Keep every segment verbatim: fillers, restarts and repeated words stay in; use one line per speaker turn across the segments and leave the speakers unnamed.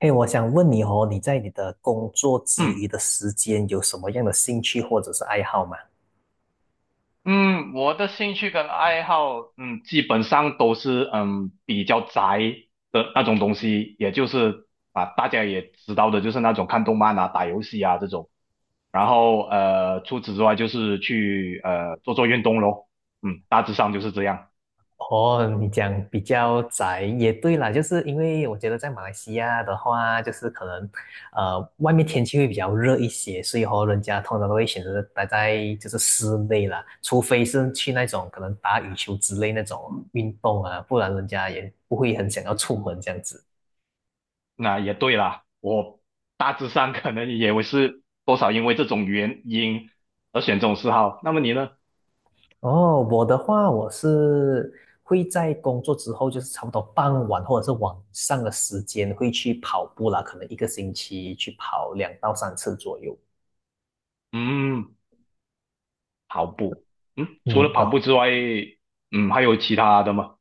嘿，我想问你哦，你在你的工作之
嗯
余的时间有什么样的兴趣或者是爱好吗？
嗯，我的兴趣跟爱好，嗯，基本上都是嗯比较宅的那种东西，也就是啊大家也知道的，就是那种看动漫啊、打游戏啊这种。然后呃，除此之外就是去呃做做运动咯，嗯，大致上就是这样。
哦，你讲比较宅也对啦，就是因为我觉得在马来西亚的话，就是可能，呃，外面天气会比较热一些，所以和人家通常都会选择待在就是室内啦，除非是去那种可能打羽球之类那种运动啊，不然人家也不会很想要出门这样子。
那也对啦，我大致上可能也会是多少因为这种原因而选这种嗜好。那么你呢？
哦，我的话，我是会在工作之后，就是差不多傍晚或者是晚上的时间会去跑步啦，可能一个星期去跑两到三次左右。
嗯。跑步，嗯，除了
嗯，
跑步
哦。
之外，嗯，还有其他的吗？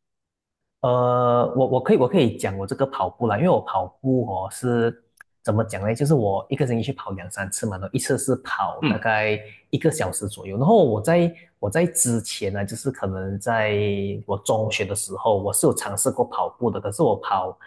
呃，我我可以我可以讲我这个跑步啦，因为我跑步哦是怎么讲呢？就是我一个星期去跑两三次嘛，然后一次是跑大
嗯
概一个小时左右。然后我在我在之前呢，就是可能在我中学的时候，我是有尝试过跑步的，可是我跑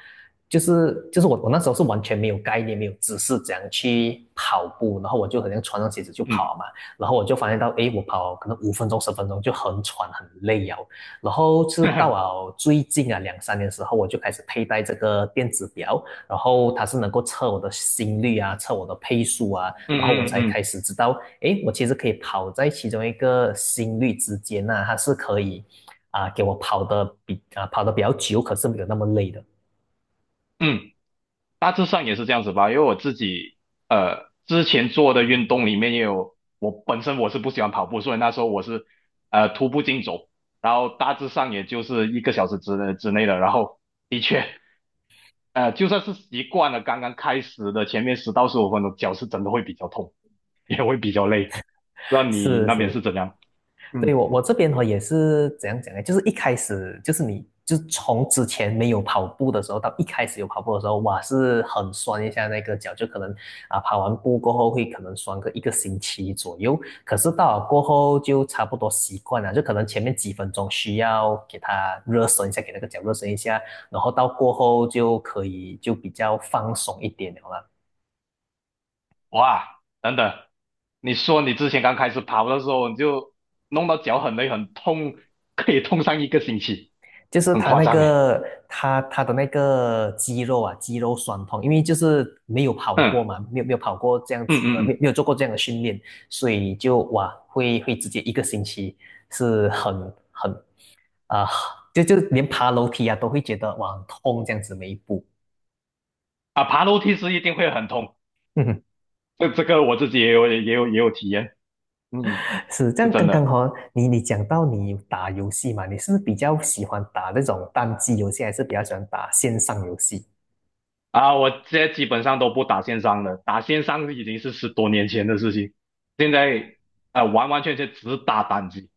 就是就是我我那时候是完全没有概念，没有知识怎样去跑步，然后我就好像穿上鞋子就
嗯
跑嘛，然后我就发现到，诶，我跑可能五分钟十分钟就很喘很累啊，然后 是到
嗯
了最近啊两三年时候，我就开始佩戴这个电子表，然后它是能够测我的心率啊，测我的配速啊，然后我
嗯
才开
嗯
始知道，诶，我其实可以跑在其中一个心率之间呐、它是可以啊、给我跑的比啊、跑的比较久，可是没有那么累的。
嗯，大致上也是这样子吧。因为我自己呃之前做的运动里面也有，我本身我是不喜欢跑步，所以那时候我是呃徒步竞走，然后大致上也就是一个小时之之内的，然后的确呃就算是习惯了刚刚开始的前面十到十五分钟，脚是真的会比较痛，也会比较累。不知道你
是
那边是
是。
怎样？
对，
嗯。
我我这边哈也是怎样讲呢？就是一开始就是你就是从之前没有跑步的时候到一开始有跑步的时候，哇，是很酸一下那个脚，就可能啊跑完步过后会可能酸个一个星期左右。可是到了过后就差不多习惯了，就可能前面几分钟需要给它热身一下，给那个脚热身一下，然后到过后就可以就比较放松一点了啦。
哇，等等，你说你之前刚开始跑的时候，你就弄到脚很累很痛，可以痛上一个星期，
就是
很
他
夸
那
张诶。
个他他的那个肌肉啊，肌肉酸痛，因为就是没有跑过
嗯
嘛，没有没有跑过这样
嗯
子的，
嗯
没有
嗯。
没有做过这样的训练，所以就哇，会会直接一个星期是很很啊、就就连爬楼梯啊都会觉得哇很痛这样子每一步。
啊，爬楼梯是一定会很痛，
嗯，
这这个我自己也有也有也有体验，嗯，
是这
是
样。
真
刚刚哈、
的
哦你你讲到你打游戏嘛，你是不是比较喜欢打那种单机游戏，还是比较喜欢打线上游戏？
啊。我现在基本上都不打线上了，打线上已经是十多年前的事情，现在啊、呃完完全全只打单机。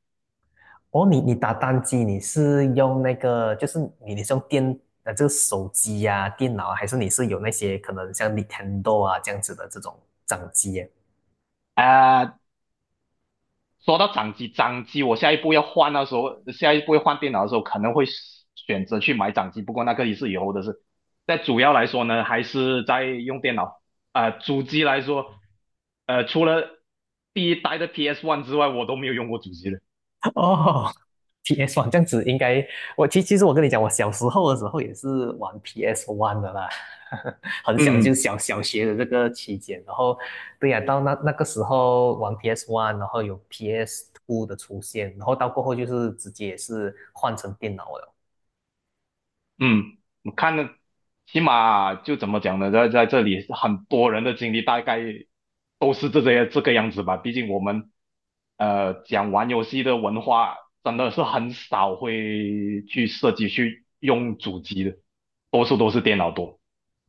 哦，你你打单机，你是用那个，就是你你是用电呃这个手机呀、啊电脑啊，还是你是有那些可能像 Nintendo 啊这样子的这种掌机耶？
啊、说到掌机，掌机我下一步要换的时候，下一步要换电脑的时候，可能会选择去买掌机。不过那个也是以后的事。但主要来说呢，还是在用电脑。啊、主机来说，呃，除了第一代的 P S One 之外，我都没有用过主机的。
哦，P S One 这样子应该，我其其实我跟你讲，我小时候的时候也是玩 P S One 的啦，很小就
嗯。
是小小学的这个期间，然后对呀、到那那个时候玩 P S One，然后有 P S Two 的出现，然后到过后就是直接也是换成电脑了。
嗯，我看的起码就怎么讲呢，在在这里很多人的经历大概都是这些这个样子吧。毕竟我们呃讲玩游戏的文化真的是很少会去涉及去用主机的，多数都是电脑多。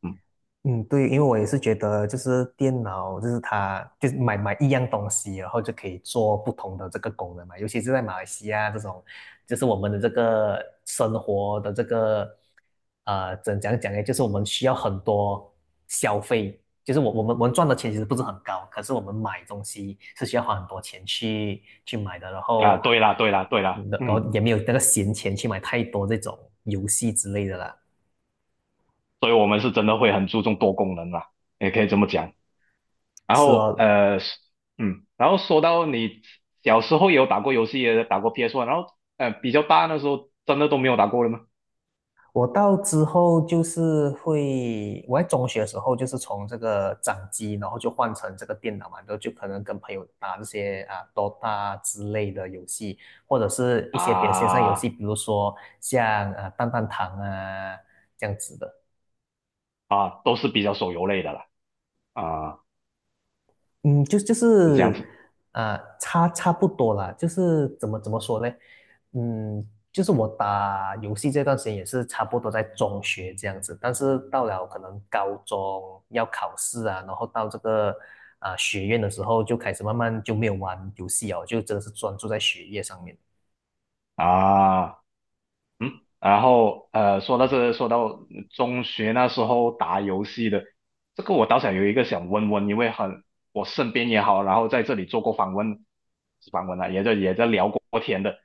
嗯
嗯，对，因为我也是觉得，就是电脑，就是它，就是买买一样东西，然后就可以做不同的这个功能嘛。尤其是在马来西亚这种，就是我们的这个生活的这个，呃，怎讲讲呢？就是我们需要很多消费，就是我我们我们赚的钱其实不是很高，可是我们买东西是需要花很多钱去去买的，然
啊，
后，
对啦对啦对啦，
然
嗯。
后也没有那个闲钱去买太多这种游戏之类的啦。
所以我们是真的会很注重多功能啦，也可以这么讲。然
是
后
哦，
呃，嗯，然后说到你小时候也有打过游戏，也打过 p s One，然后呃，比较大那时候真的都没有打过了吗？
我到之后就是会，我在中学的时候就是从这个掌机，然后就换成这个电脑嘛，然后就可能跟朋友打这些啊 Dota 之类的游戏，或者是一些别的线上游
啊
戏，比如说像啊呃弹弹堂啊这样子的。
啊，都是比较手游类的了啊，
嗯，就就
是这样
是
子
呃，差差不多啦，就是怎么怎么说呢？嗯，就是我打游戏这段时间也是差不多在中学这样子，但是到了可能高中要考试啊，然后到这个啊、学院的时候，就开始慢慢就没有玩游戏哦，就真的是专注在学业上面。
啊。嗯，然后呃，说到这，说到中学那时候打游戏的，这个我倒想有一个想问问，因为很我身边也好，然后在这里做过访问，访问了，也在也在聊过天的，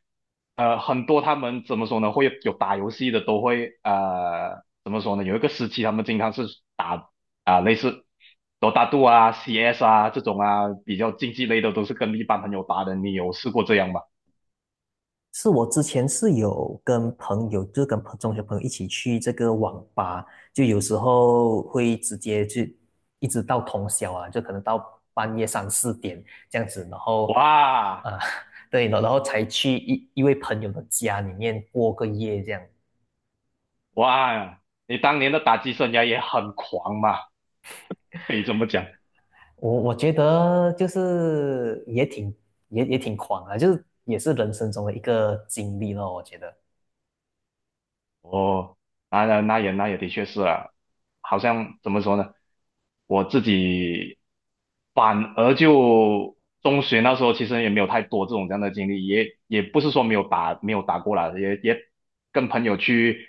呃，很多他们怎么说呢，会有打游戏的都会呃怎么说呢，有一个时期他们经常是打啊、类似多大度啊、C S 啊这种啊比较竞技类的，都是跟一般朋友打的，你有试过这样吗？
是我之前是有跟朋友，就是跟朋中学朋友一起去这个网吧，就有时候会直接去，一直到通宵啊，就可能到半夜三四点这样子，然后
哇！
啊、呃 对，然后才去一一位朋友的家里面过个夜这样。
哇，你当年的打击生涯也很狂嘛，可以这么讲。
我我觉得就是也挺也也挺狂啊，就是也是人生中的一个经历咯，我觉得
哦，那那那也那也的确是啊，好像怎么说呢，我自己反而就中学那时候其实也没有太多这种这样的经历，也也不是说没有打没有打过啦，也也跟朋友去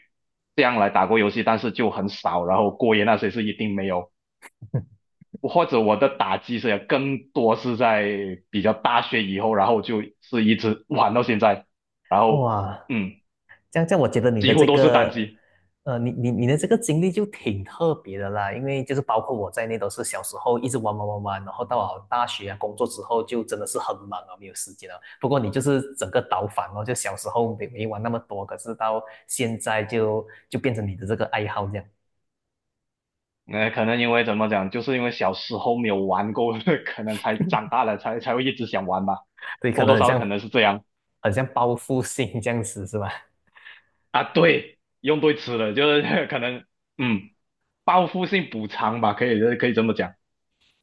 这样来打过游戏，但是就很少，然后过夜那些是一定没有。或者我的打击是更多是在比较大学以后，然后就是一直玩到现在，然后
哇，
嗯，
这样这样，我觉得你
几
的
乎
这
都是单
个，
机。
呃，你你你的这个经历就挺特别的啦，因为就是包括我在内，都是小时候一直玩玩玩玩，然后到了大学啊工作之后，就真的是很忙啊，没有时间了。不过你就是整个倒反哦，就小时候没没玩那么多，可是到现在就就变成你的这个爱好这样，
呃，可能因为怎么讲，就是因为小时候没有玩够，可能才长大了才才会一直想玩吧，
对，可
多
能
多
很
少少
像
可能是这样
很像报复性这样子是吧？
啊。对，用对词了，就是 可能嗯，报复性补偿吧，可以可以这么讲。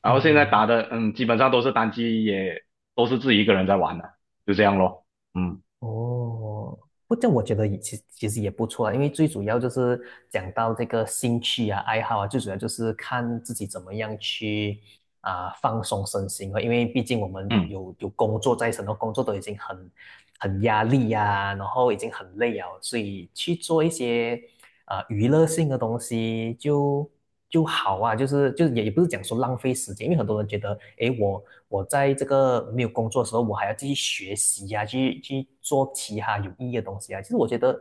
然后现在
嗯。
打的嗯，基本上都是单机，也都是自己一个人在玩的，就这样咯。嗯
哦，不，这我觉得也其实其实也不错啊，因为最主要就是讲到这个兴趣啊、爱好啊，最主要就是看自己怎么样去啊、放松身心啊，因为毕竟我们
嗯。
有有工作在身，然后工作都已经很很压力呀、然后已经很累啊，所以去做一些啊、娱乐性的东西就就好啊，就是就是也也不是讲说浪费时间，因为很多人觉得，诶，我我在这个没有工作的时候，我还要继续学习呀、啊去去做其他有意义的东西啊。其实我觉得，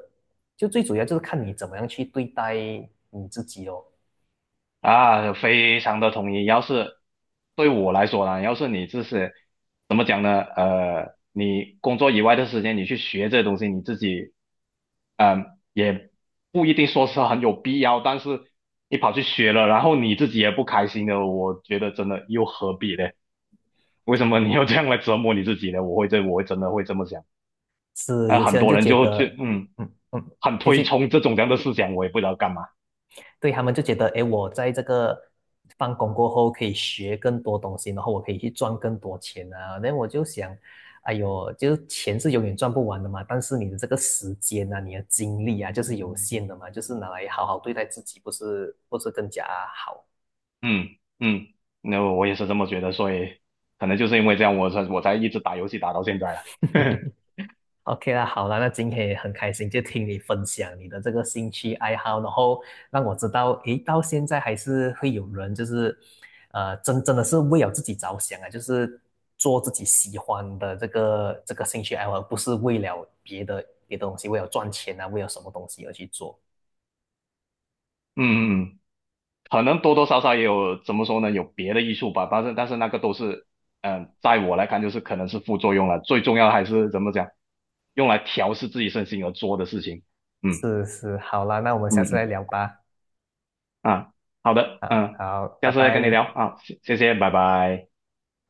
就最主要就是看你怎么样去对待你自己哦。
啊，非常的同意。要是对我来说呢，要是你自是怎么讲呢？呃，你工作以外的时间，你去学这东西，你自己，嗯、也不一定说是很有必要。但是你跑去学了，然后你自己也不开心的，我觉得真的又何必呢？为什么你要这样来折磨你自己呢？我会这，我会真的会这么想。
是
啊、
有些
很
人
多
就
人
觉
就就
得，
嗯，
嗯嗯，
很
就
推
就
崇这种这样的思想，我也不知道干嘛。
对他们就觉得，哎，我在这个放工过后可以学更多东西，然后我可以去赚更多钱啊。那我就想，哎呦，就是钱是永远赚不完的嘛，但是你的这个时间啊，你的精力啊，就是有限的嘛，就是拿来好好对待自己，不是不是更加好？
嗯嗯，那我也是这么觉得，所以可能就是因为这样，我才我才一直打游戏打到现在了。嗯
OK 啦，好啦，那今天也很开心，就听你分享你的这个兴趣爱好，然后让我知道，诶，到现在还是会有人就是，呃，真真的是为了自己着想啊，就是做自己喜欢的这个这个兴趣爱好，而不是为了别的别的东西，为了赚钱啊，为了什么东西而去做。
嗯，嗯可能多多少少也有怎么说呢，有别的艺术吧，但是但是那个都是，嗯、在我来看就是可能是副作用了，最重要的还是怎么讲，用来调试自己身心而做的事情。嗯
是是，好啦，那我们
嗯
下次再
嗯。
聊吧。
啊，好的，
好
嗯，
好，
下
拜
次再跟你
拜。
聊啊，谢谢谢，拜拜。